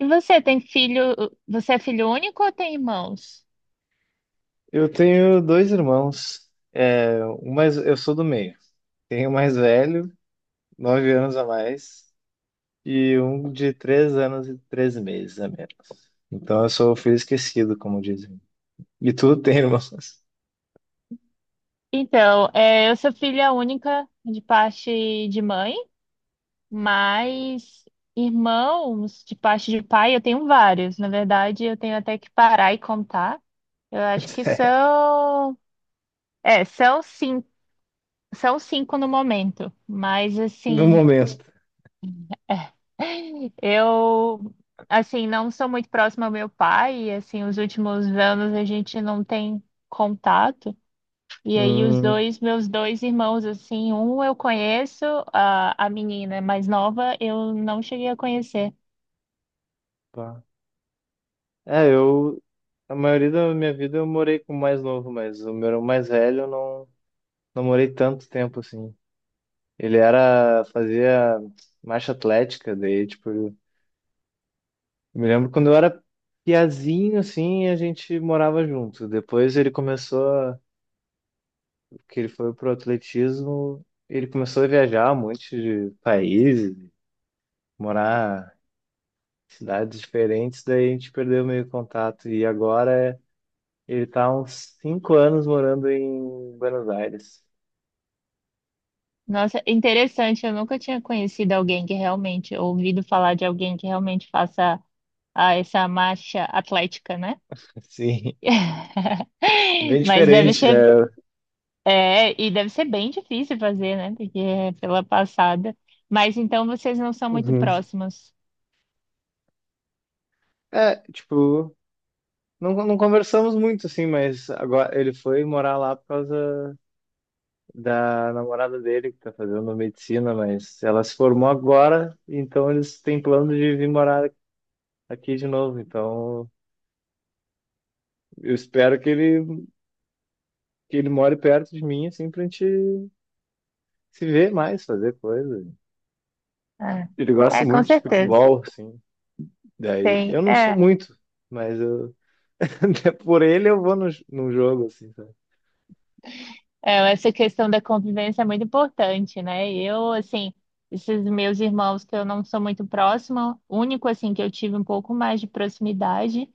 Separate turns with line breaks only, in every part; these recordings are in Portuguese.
E você tem filho? Você é filho único ou tem irmãos?
Eu tenho dois irmãos. É, um mais, eu sou do meio. Tenho um mais velho, 9 anos a mais, e um de 3 anos e 3 meses a menos. Então eu sou o filho esquecido, como dizem. E tu tem irmãos?
Então, é, eu sou filha única de parte de mãe, mas irmãos de parte de pai eu tenho vários. Na verdade, eu tenho até que parar e contar. Eu acho que
É,
são, é, são 5, são 5 no momento, mas
no
assim,
momento.
é, eu assim não sou muito próxima ao meu pai, e, assim, os últimos anos a gente não tem contato. E aí os
Hum,
dois, meus dois irmãos, assim, um eu conheço, a menina mais nova eu não cheguei a conhecer.
pá. É, eu. A maioria da minha vida eu morei com o mais novo, mas o meu irmão mais velho eu não, não morei tanto tempo assim. Fazia marcha atlética, daí, tipo, eu me lembro quando eu era piazinho, assim, a gente morava junto. Depois ele começou, que ele foi pro atletismo, ele começou a viajar um monte de países, morar em cidades diferentes, daí a gente perdeu meio contato. E agora ele tá há uns 5 anos morando em Buenos Aires.
Nossa, interessante, eu nunca tinha conhecido alguém que realmente, ouvido falar de alguém que realmente faça ah, essa marcha atlética, né?
Assim, bem
Mas deve
diferente, né?
ser, é, e deve ser bem difícil fazer, né? Porque é pela passada. Mas então vocês não são muito
Uhum.
próximos.
É, tipo, não, não conversamos muito, assim, mas agora ele foi morar lá por causa da namorada dele que tá fazendo medicina, mas ela se formou agora, então eles têm plano de vir morar aqui de novo. Então eu espero que ele more perto de mim, assim, pra gente se ver mais, fazer coisa.
Ah,
Ele gosta
é, com
muito de
certeza.
futebol, assim. Daí
Tem,
eu não sou
é.
muito, mas eu por ele eu vou no jogo, assim, sabe?
É, essa questão da convivência é muito importante, né? Eu, assim, esses meus irmãos que eu não sou muito próxima, o único, assim, que eu tive um pouco mais de proximidade,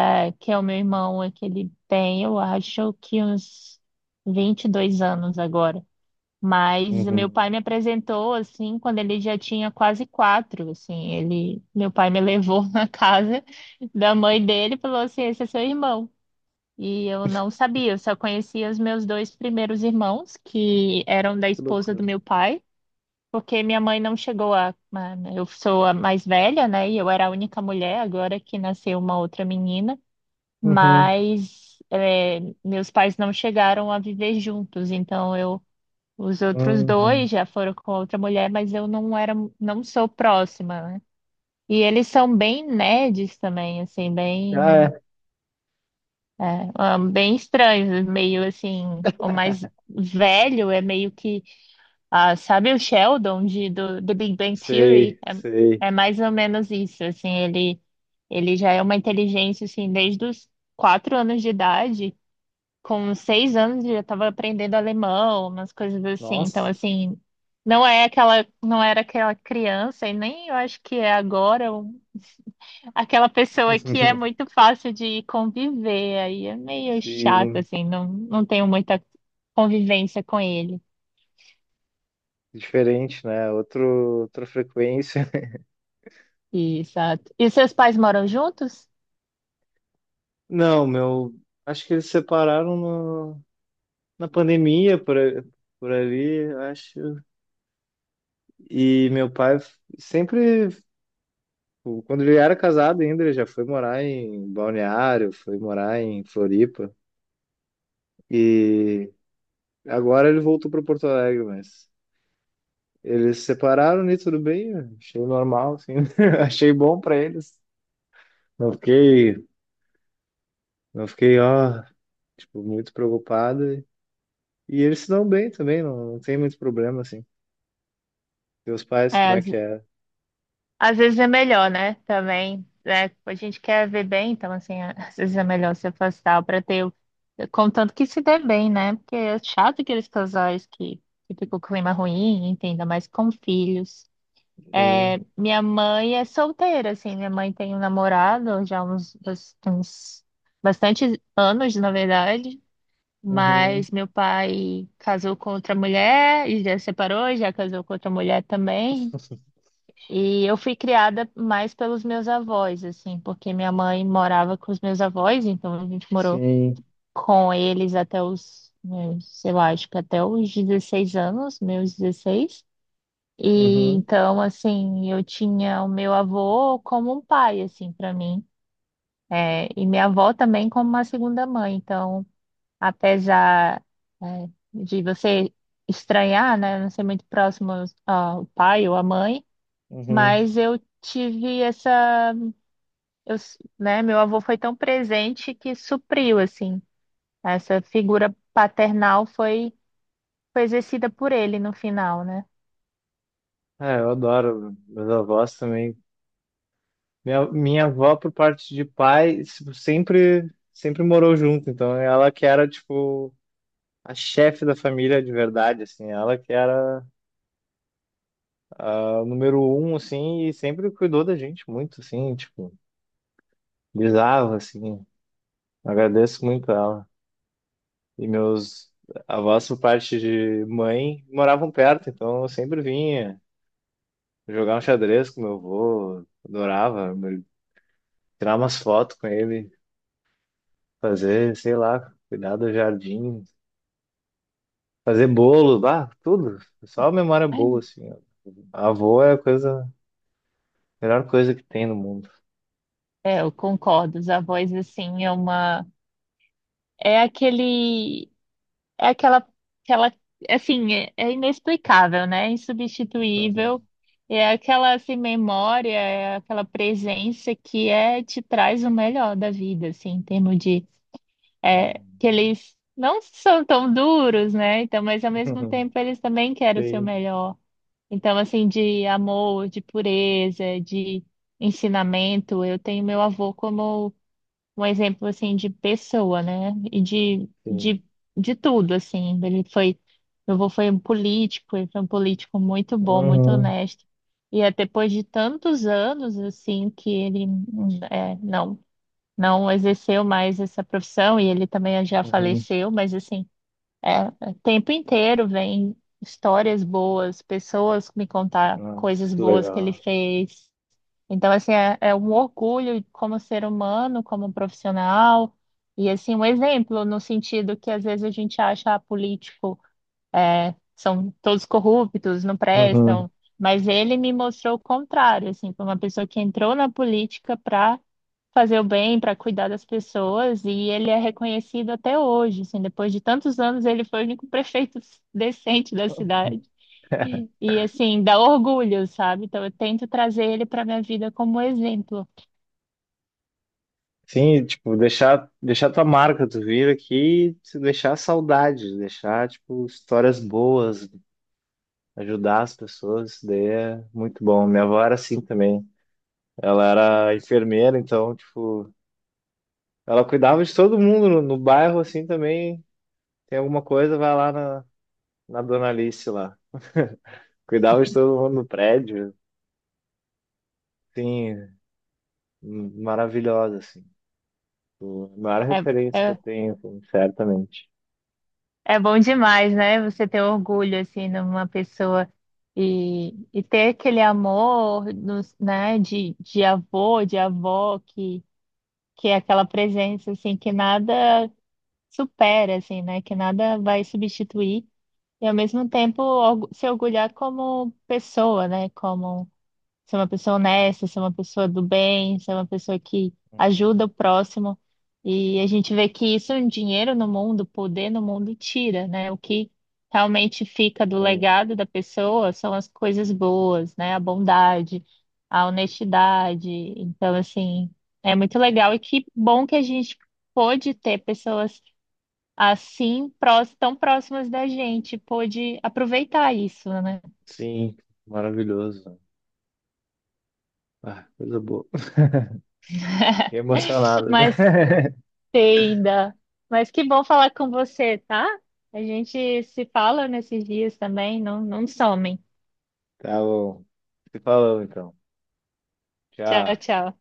é, que é o meu irmão, é que ele tem, eu acho que uns 22 anos agora. Mas meu pai
Uhum.
me apresentou, assim, quando ele já tinha quase quatro, assim, ele, meu pai me levou na casa da mãe dele e falou assim, esse é seu irmão. E eu não sabia, eu só conhecia os meus dois primeiros irmãos, que eram da
Que
esposa do
loucura.
meu pai, porque minha mãe não chegou a. a- Eu sou a mais velha, né? E eu era a única mulher, agora que nasceu uma outra menina.
Uhum,
Mas é, meus pais não chegaram a viver juntos, então eu. Os outros
uhum.
dois já foram com outra mulher, mas eu não era, não sou próxima, né? E eles são bem nerds também, assim,
Ah,
bem.
é.
É, ah, bem estranhos, meio assim, o mais velho é meio que, ah, sabe o Sheldon de, do Big Bang Theory?
Sei, sei.
É, é mais ou menos isso, assim, ele já é uma inteligência, assim, desde os quatro anos de idade, com 6 anos ele já estava aprendendo alemão, umas coisas assim, então,
Nossa.
assim, não é aquela, não era aquela criança, e nem eu acho que é agora, um Aquela pessoa que é muito fácil de conviver, aí é meio chato,
Sim.
assim, não, não tenho muita convivência com ele.
Diferente, né? Outra frequência.
Exato. E seus pais moram juntos?
Não, meu. Acho que eles separaram no, na pandemia por, por ali, acho. E meu pai sempre, tipo, quando ele era casado ainda, ele já foi morar em Balneário, foi morar em Floripa. E agora ele voltou para Porto Alegre, mas eles se separaram e tudo bem, eu achei normal, assim. Achei bom para eles. Não fiquei, não fiquei, ó, tipo, muito preocupado. E eles se dão bem também, não, não tem muito problema, assim. Teus pais,
É,
como é
às,
que é?
às vezes é melhor, né? Também, né? A gente quer ver bem, então, assim, às vezes é melhor se afastar para ter, o- contanto que se dê bem, né? Porque é chato aqueles casais que fica o clima ruim, entenda, mais com filhos.
Sim.
Minha mãe é solteira, assim. Minha mãe tem um namorado já há uns, bas- uns bastantes anos, na verdade.
Uhum.
Mas meu pai casou com outra mulher e já separou, já casou com outra mulher também. E eu fui criada mais pelos meus avós, assim, porque minha mãe morava com os meus avós, então a gente morou
Sim.
com eles até os, meus, sei lá, acho que até os 16 anos, meus 16 e
Uhum.
então, assim, eu tinha o meu avô como um pai, assim, para mim. É, e minha avó também como uma segunda mãe. Então, apesar, é, de você estranhar, né, não ser muito próximo ao pai ou à mãe,
Uhum.
mas eu tive essa, eu, s- né, meu avô foi tão presente que supriu, assim, essa figura paternal foi, foi exercida por ele no final, né?
É, eu adoro meus avós também. Minha avó, por parte de pai, tipo, sempre, sempre morou junto. Então, ela que era, tipo, a chefe da família de verdade, assim. Ela que era a número um, assim, e sempre cuidou da gente muito, assim, tipo, bizarro, assim. Agradeço muito a ela. E meus avós, por parte de mãe, moravam perto, então eu sempre vinha jogar um xadrez com meu avô, adorava, tirar umas fotos com ele, fazer, sei lá, cuidar do jardim, fazer bolo, bah, tudo. Só memória boa, assim, ó. Avô é a melhor coisa que tem no mundo.
É, eu concordo. Os avós, assim, é uma. É aquele. É aquela. Aquela... Assim, é, é inexplicável, né? É insubstituível. É aquela, assim, memória, é aquela presença que é, te traz o melhor da vida, assim, em termos de. É, que eles não são tão duros, né? Então, mas ao mesmo tempo, eles também querem o seu
Sim,
melhor. Então, assim, de amor, de pureza, de ensinamento. Eu tenho meu avô como um exemplo assim de pessoa, né? E de,
sim.
de, de tudo, assim. Ele foi, meu avô foi um político, ele foi um político muito bom, muito
Uhum,
honesto. E é depois de tantos anos, assim, que ele é, não, não exerceu mais essa profissão, e ele também já
uhum.
faleceu, mas assim, é, o tempo inteiro vem histórias boas, pessoas me contar
Nossa,
coisas
que
boas que ele
legal.
fez. Então, assim, é, é um orgulho como ser humano, como profissional, e assim, um exemplo no sentido que às vezes a gente acha ah, político, é, são todos corruptos, não
Uhum.
prestam, mas ele me mostrou o contrário, assim, foi uma pessoa que entrou na política para fazer o bem, para cuidar das pessoas, e ele é reconhecido até hoje, assim, depois de tantos anos, ele foi o único prefeito decente da cidade. E assim, dá orgulho, sabe? Então eu tento trazer ele para minha vida como exemplo.
Sim, tipo, deixar tua marca, tu vir aqui, e deixar saudade, deixar, tipo, histórias boas, ajudar as pessoas, isso daí é muito bom. Minha avó era assim também. Ela era enfermeira, então, tipo, ela cuidava de todo mundo no bairro, assim, também. Tem alguma coisa, vai lá na Dona Alice lá. Cuidava de todo mundo no prédio, sim, maravilhosa, assim. Tipo, a maior
É,
referência que eu
é,
tenho, assim, certamente.
é bom demais, né? Você ter orgulho assim numa pessoa e ter aquele amor nos, né, de avô, de avó, que é aquela presença assim que nada supera, assim, né? Que nada vai substituir. E ao mesmo tempo orgu- se orgulhar como pessoa, né? Como ser uma pessoa honesta, ser uma pessoa do bem, ser uma pessoa que ajuda o próximo. E a gente vê que isso, um dinheiro no mundo, poder no mundo tira, né? O que realmente fica do
Uhum.
legado da pessoa são as coisas boas, né? A bondade, a honestidade. Então, assim, é muito legal e que bom que a gente pôde ter pessoas assim, prós- tão próximas da gente, pôde aproveitar isso, né?
Sim, maravilhoso. Ah, coisa boa. Fiquei emocionado, né?
Mas entenda. Mas que bom falar com você, tá? A gente se fala nesses dias também, não, não somem.
Tá bom. Se falou então.
Tchau,
Tchau.
tchau.